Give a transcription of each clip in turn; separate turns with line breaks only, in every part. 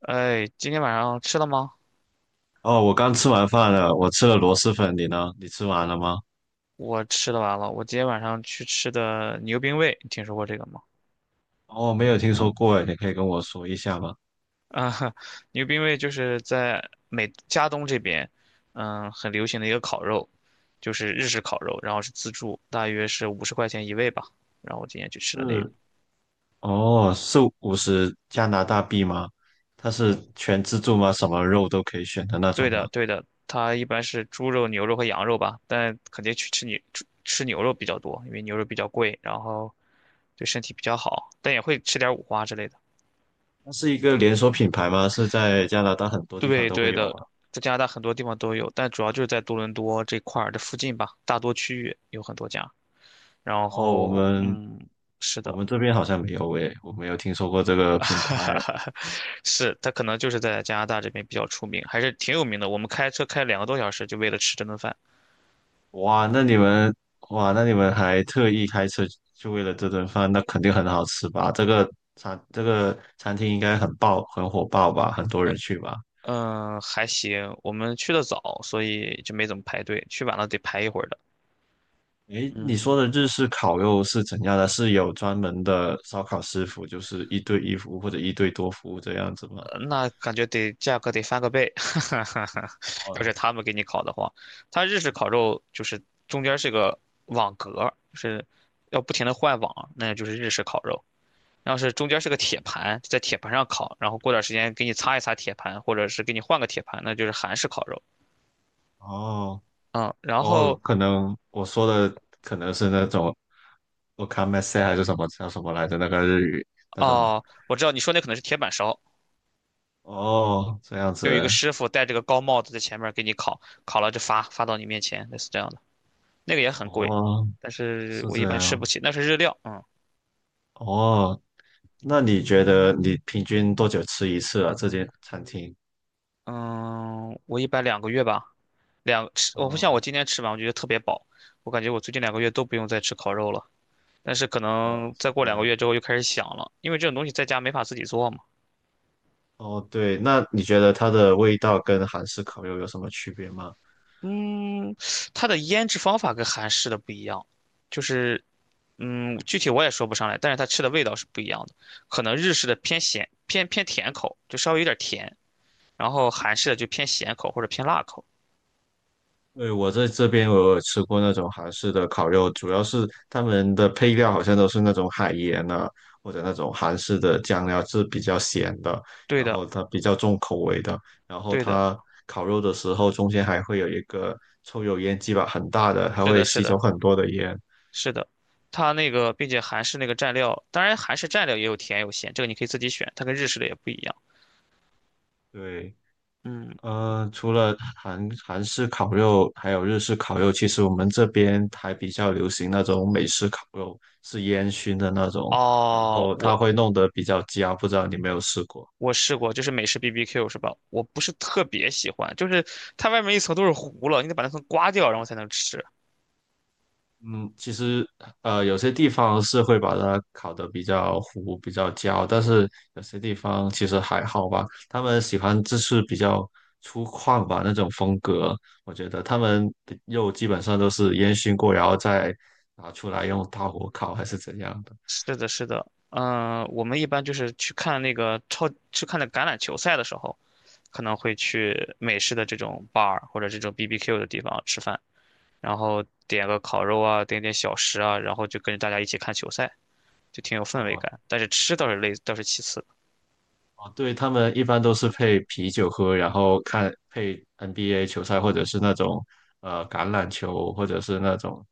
哎，今天晚上吃了吗？
哦，我刚吃完饭了，我吃了螺蛳粉，你呢？你吃完了吗？
我吃的完了。我今天晚上去吃的牛冰味，你听说过这个吗？
哦，没有听说过诶，你可以跟我说一下吗？
啊，牛冰味就是在美加东这边，嗯，很流行的一个烤肉，就是日式烤肉，然后是自助，大约是50块钱一位吧。然后我今天去吃的那个，
是，哦，是50加拿大币吗？它是全自助吗？什么肉都可以选的那
对
种吗？
的，对的，它一般是猪肉、牛肉和羊肉吧，但肯定去吃牛吃牛肉比较多，因为牛肉比较贵，然后对身体比较好，但也会吃点五花之类的。
它是一个连锁品牌吗？是在加拿大很多地方
对
都
对
会有
的，
吗？
在加拿大很多地方都有，但主要就是在多伦多这块儿的附近吧，大多区域有很多家。然
哦，我
后，
们
嗯，是
我
的，
们这边好像没有诶，我没有听说过这个品牌。
是，他可能就是在加拿大这边比较出名，还是挺有名的。我们开车开2个多小时，就为了吃这顿饭。
哇，那你们哇，那你们还特意开车就为了这顿饭，那肯定很好吃吧？这个餐厅应该很爆，很火爆吧？很多人去吧？
嗯，还行，我们去的早，所以就没怎么排队，去晚了得排一会儿的。
诶，你说
嗯，
的日式烤肉是怎样的？是有专门的烧烤师傅，就是一对一服务或者一对多服务这样子吗？
那感觉得价格得翻个倍，哈哈哈。要是
哦
他们给你烤的话，他日式烤肉就是中间是个网格，就是要不停的换网，那就是日式烤肉。要是中间是个铁盘，在铁盘上烤，然后过段时间给你擦一擦铁盘，或者是给你换个铁盘，那就是韩式烤肉。
哦
嗯，然
哦，
后
可能我说的可能是那种 o m a k 还是什么叫什么来着？那个日语那种
哦，我知道你说那可能是铁板烧，
哦，这样子
就有一个师傅戴着个高帽子在前面给你烤，烤了就发发到你面前，类似这样的，那个也很贵，
哦。
但是
是
我一
这
般吃不
样
起，那是日料，嗯。
哦。那你觉得你平均多久吃一次啊？这间餐厅？
嗯，我一般两个月吧，我不像
哦
我今天吃完，我觉得特别饱，我感觉我最近两个月都不用再吃烤肉了。但是可
哦，
能再
是
过
这
两个
样。
月之后又开始想了，因为这种东西在家没法自己做嘛。
哦，对，那你觉得它的味道跟韩式烤肉有什么区别吗？
嗯，它的腌制方法跟韩式的不一样，就是嗯，具体我也说不上来，但是它吃的味道是不一样的。可能日式的偏咸偏甜口，就稍微有点甜，然后韩式的就偏咸口或者偏辣口。
对，我在这边我有吃过那种韩式的烤肉，主要是他们的配料好像都是那种海盐啊，或者那种韩式的酱料是比较咸的，
对
然
的，
后它比较重口味的，然后
对的，
它烤肉的时候中间还会有一个抽油烟机吧，很大的，它
是
会
的，是
吸
的。
走很多的烟。
是的，它那个并且韩式那个蘸料，当然韩式蘸料也有甜有咸，这个你可以自己选，它跟日式的也不一样。
对，
嗯，
除了韩式烤肉，还有日式烤肉，其实我们这边还比较流行那种美式烤肉，是烟熏的那种，然
哦，
后
我
它会弄得比较焦，不知道你有没有试过？
我试过，就是美式 BBQ 是吧？我不是特别喜欢，就是它外面一层都是糊了，你得把那层刮掉，然后才能吃。
嗯，其实有些地方是会把它烤得比较糊、比较焦，但是有些地方其实还好吧。他们喜欢就是比较粗犷吧那种风格，我觉得他们的肉基本上都是烟熏过，然后再拿出来用大火烤还是怎样的。
是的，是的，嗯，我们一般就是去看那橄榄球赛的时候，可能会去美式的这种 bar 或者这种 BBQ 的地方吃饭，然后点个烤肉啊，点点小食啊，然后就跟着大家一起看球赛。就挺有氛围
哦，
感。但是吃倒是累，倒是其次。
哦，对，他们一般都是配啤酒喝，然后看配 NBA 球赛，或者是那种橄榄球，或者是那种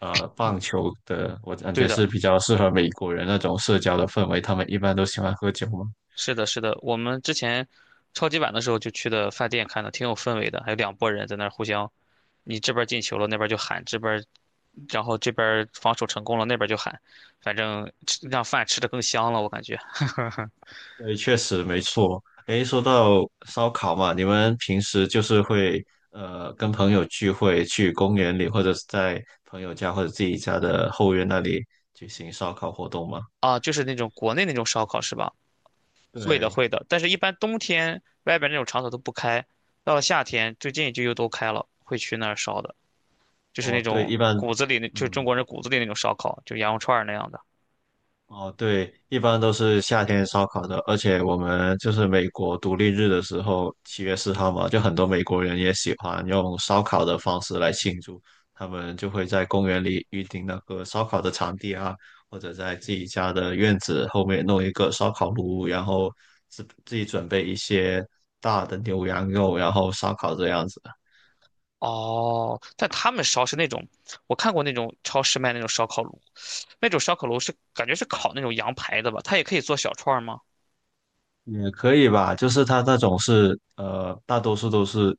嗯，
棒球的。我感
对
觉
的，
是比较适合美国人那种社交的氛围，他们一般都喜欢喝酒嘛。
是的，是的。我们之前超级碗的时候就去的饭店看的，挺有氛围的，还有两拨人在那儿互相，你这边儿进球了，那边儿就喊，这边儿然后这边儿防守成功了，那边儿就喊，反正吃让饭吃的更香了，我感觉。
对，确实没错。诶，说到烧烤嘛，你们平时就是会跟朋友聚会，去公园里，或者是在朋友家或者自己家的后院那里举行烧烤活动吗？
啊，就是那种国内那种烧烤是吧？会的，
对，
会的。但是，一般冬天外边那种场所都不开，到了夏天最近就又都开了，会去那儿烧的。就是那
哦，对，
种
一般。
骨子里那，就是中
嗯，
国人骨子里那种烧烤，就羊肉串儿那样的。
哦，对，一般都是夏天烧烤的，而且我们就是美国独立日的时候，7月4号嘛，就很多美国人也喜欢用烧烤的方式来庆祝，他们就会在公园里预定那个烧烤的场地啊，或者在自己家的院子后面弄一个烧烤炉，然后自己准备一些大的牛羊肉，然后烧烤这样子。
哦，但他们烧是那种，我看过那种超市卖那种烧烤炉，那种烧烤炉是感觉是烤那种羊排的吧？它也可以做小串儿吗？
也可以吧，就是它那种是大多数都是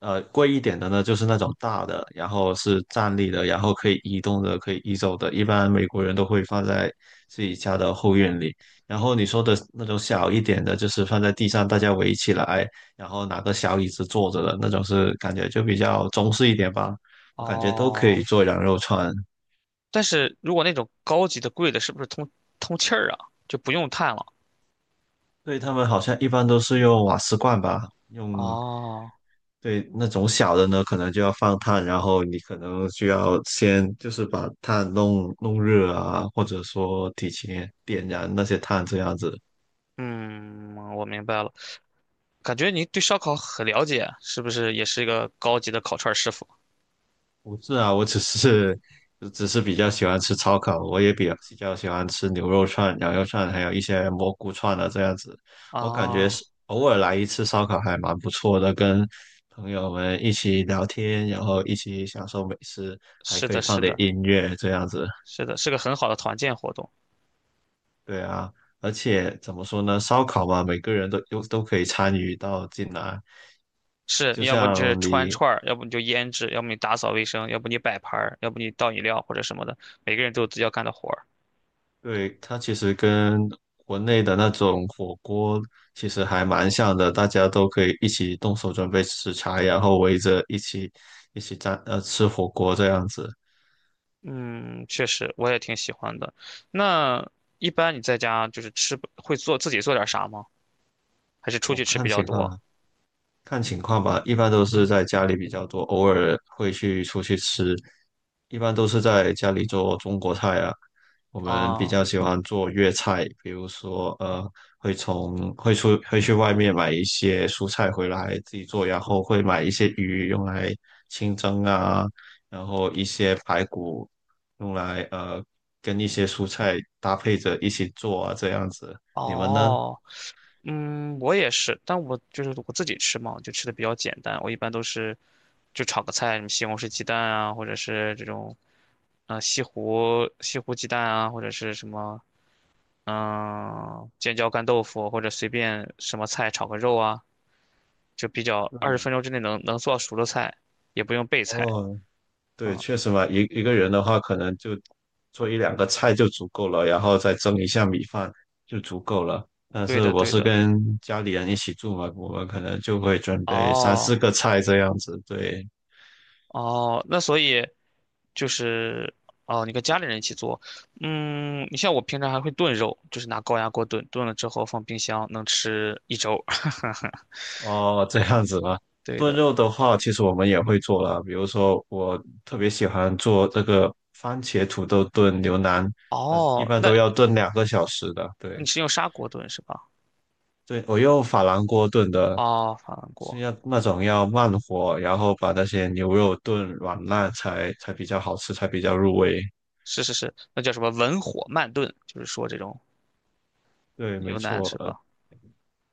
贵一点的呢，就是那种大的，然后是站立的，然后可以移动的，可以移走的。一般美国人都会放在自己家的后院里。然后你说的那种小一点的，就是放在地上，大家围起来，然后拿个小椅子坐着的那种，是感觉就比较中式一点吧。我感觉都可
哦，
以做羊肉串。
但是如果那种高级的贵的，是不是通通气儿啊？就不用炭了。
对，他们好像一般都是用瓦斯罐吧，用，
哦，
对，那种小的呢，可能就要放炭，然后你可能就要先就是把炭弄弄热啊，或者说提前点燃那些炭这样子，
嗯，我明白了。感觉你对烧烤很了解，是不是也是一个高级的烤串儿师傅？
不是啊，我只是只是比较喜欢吃烧烤，我也比较喜欢吃牛肉串、羊肉串，还有一些蘑菇串啊，这样子。我感觉
啊，
是偶尔来一次烧烤还蛮不错的，跟朋友们一起聊天，然后一起享受美食，还
是
可以
的，
放
是
点
的，
音乐这样子。
是的，是个很好的团建活动。
对啊，而且怎么说呢，烧烤嘛，每个人都可以参与到进来。
是
就
你要不你就是
像
穿
你
串儿，要不你就腌制，要不你打扫卫生，要不你摆盘儿，要不你倒饮料或者什么的，每个人都有自己要干的活儿。
对，它其实跟国内的那种火锅其实还蛮像的，大家都可以一起动手准备食材，然后围着一起在吃火锅这样子。
嗯，确实我也挺喜欢的。那一般你在家就是吃，会做自己做点啥吗？还是出
哦，
去吃
看
比较
情
多？
况。看情况吧，一般都是在家里比较多，偶尔会去出去吃，一般都是在家里做中国菜啊。我们比较
啊，
喜欢做粤菜，比如说会从会出会去外面买一些蔬菜回来自己做，然后会买一些鱼用来清蒸啊，然后一些排骨用来跟一些蔬菜搭配着一起做啊，这样子。你们呢？
哦，嗯，我也是，但我就是我自己吃嘛，我就吃的比较简单。我一般都是就炒个菜，什么西红柿鸡蛋啊，或者是这种，西湖鸡蛋啊，或者是什么嗯，尖椒干豆腐或者随便什么菜炒个肉啊，就比较二十
对，
分钟之内能做熟的菜，也不用备菜
哦，对，
啊。
确实嘛，一个人的话，可能就做一两个菜就足够了，然后再蒸一下米饭就足够了。但
对
是
的，
我
对
是
的。
跟家里人一起住嘛，我们可能就会准备三四
哦
个菜这样子。对，
哦，那所以就是哦，你跟家里人一起做，嗯，你像我平常还会炖肉，就是拿高压锅炖，炖了之后放冰箱能吃一周。
哦，这样子吗？
对
炖
的。
肉的话，其实我们也会做了，比如说我特别喜欢做这个番茄土豆炖牛腩，但是一
哦，
般
那
都要炖2个小时的。
你
对，
是用砂锅炖是吧？
对，我用珐琅锅炖的，
哦，法兰
是
锅，
要那种要慢火，然后把那些牛肉炖软烂才比较好吃，才比较入味。
是是是，那叫什么文火慢炖，就是说这种
对，没
牛腩
错。
是吧？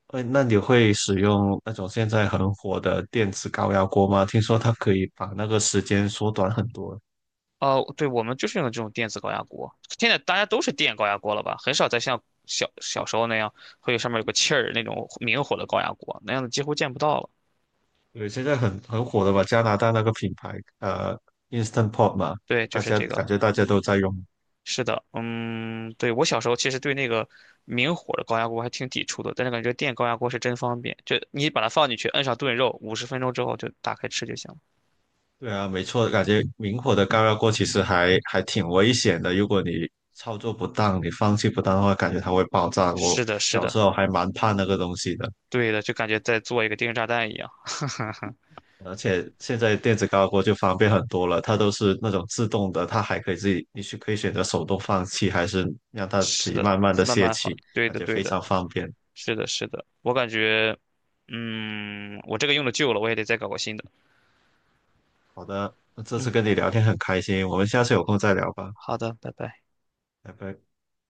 那你会使用那种现在很火的电子高压锅吗？听说它可以把那个时间缩短很多。
哦，对，我们就是用的这种电子高压锅。现在大家都是电高压锅了吧？很少再像小时候那样会有上面有个气儿那种明火的高压锅，那样的几乎见不到了。
对，现在很火的吧？加拿大那个品牌，呃，Instant Pot 嘛，
对，就
大
是
家
这个。
感觉大家都在用。
是的，嗯，对，我小时候其实对那个明火的高压锅还挺抵触的，但是感觉电高压锅是真方便，就你把它放进去，摁上炖肉，50分钟之后就打开吃就行了。
对啊，没错，感觉明火的高压锅其实还挺危险的。如果你操作不当，你放气不当的话，感觉它会爆炸。我
是的，是
小
的，
时候还蛮怕那个东西的，
对的，就感觉在做一个定时炸弹一样。
而且现在电子高压锅就方便很多了，它都是那种自动的，它还可以自己，你是可以选择手动放气，还是让它自
是
己
的，
慢慢的
慢
泄
慢放，
气，
对
感
的，
觉
对
非
的。
常方便。
是的，是的，我感觉，嗯，我这个用的旧了，我也得再搞个新的。
好的，那这次
嗯，
跟你聊天很开心，我们下次有空再聊吧，
好的，拜拜。
拜拜。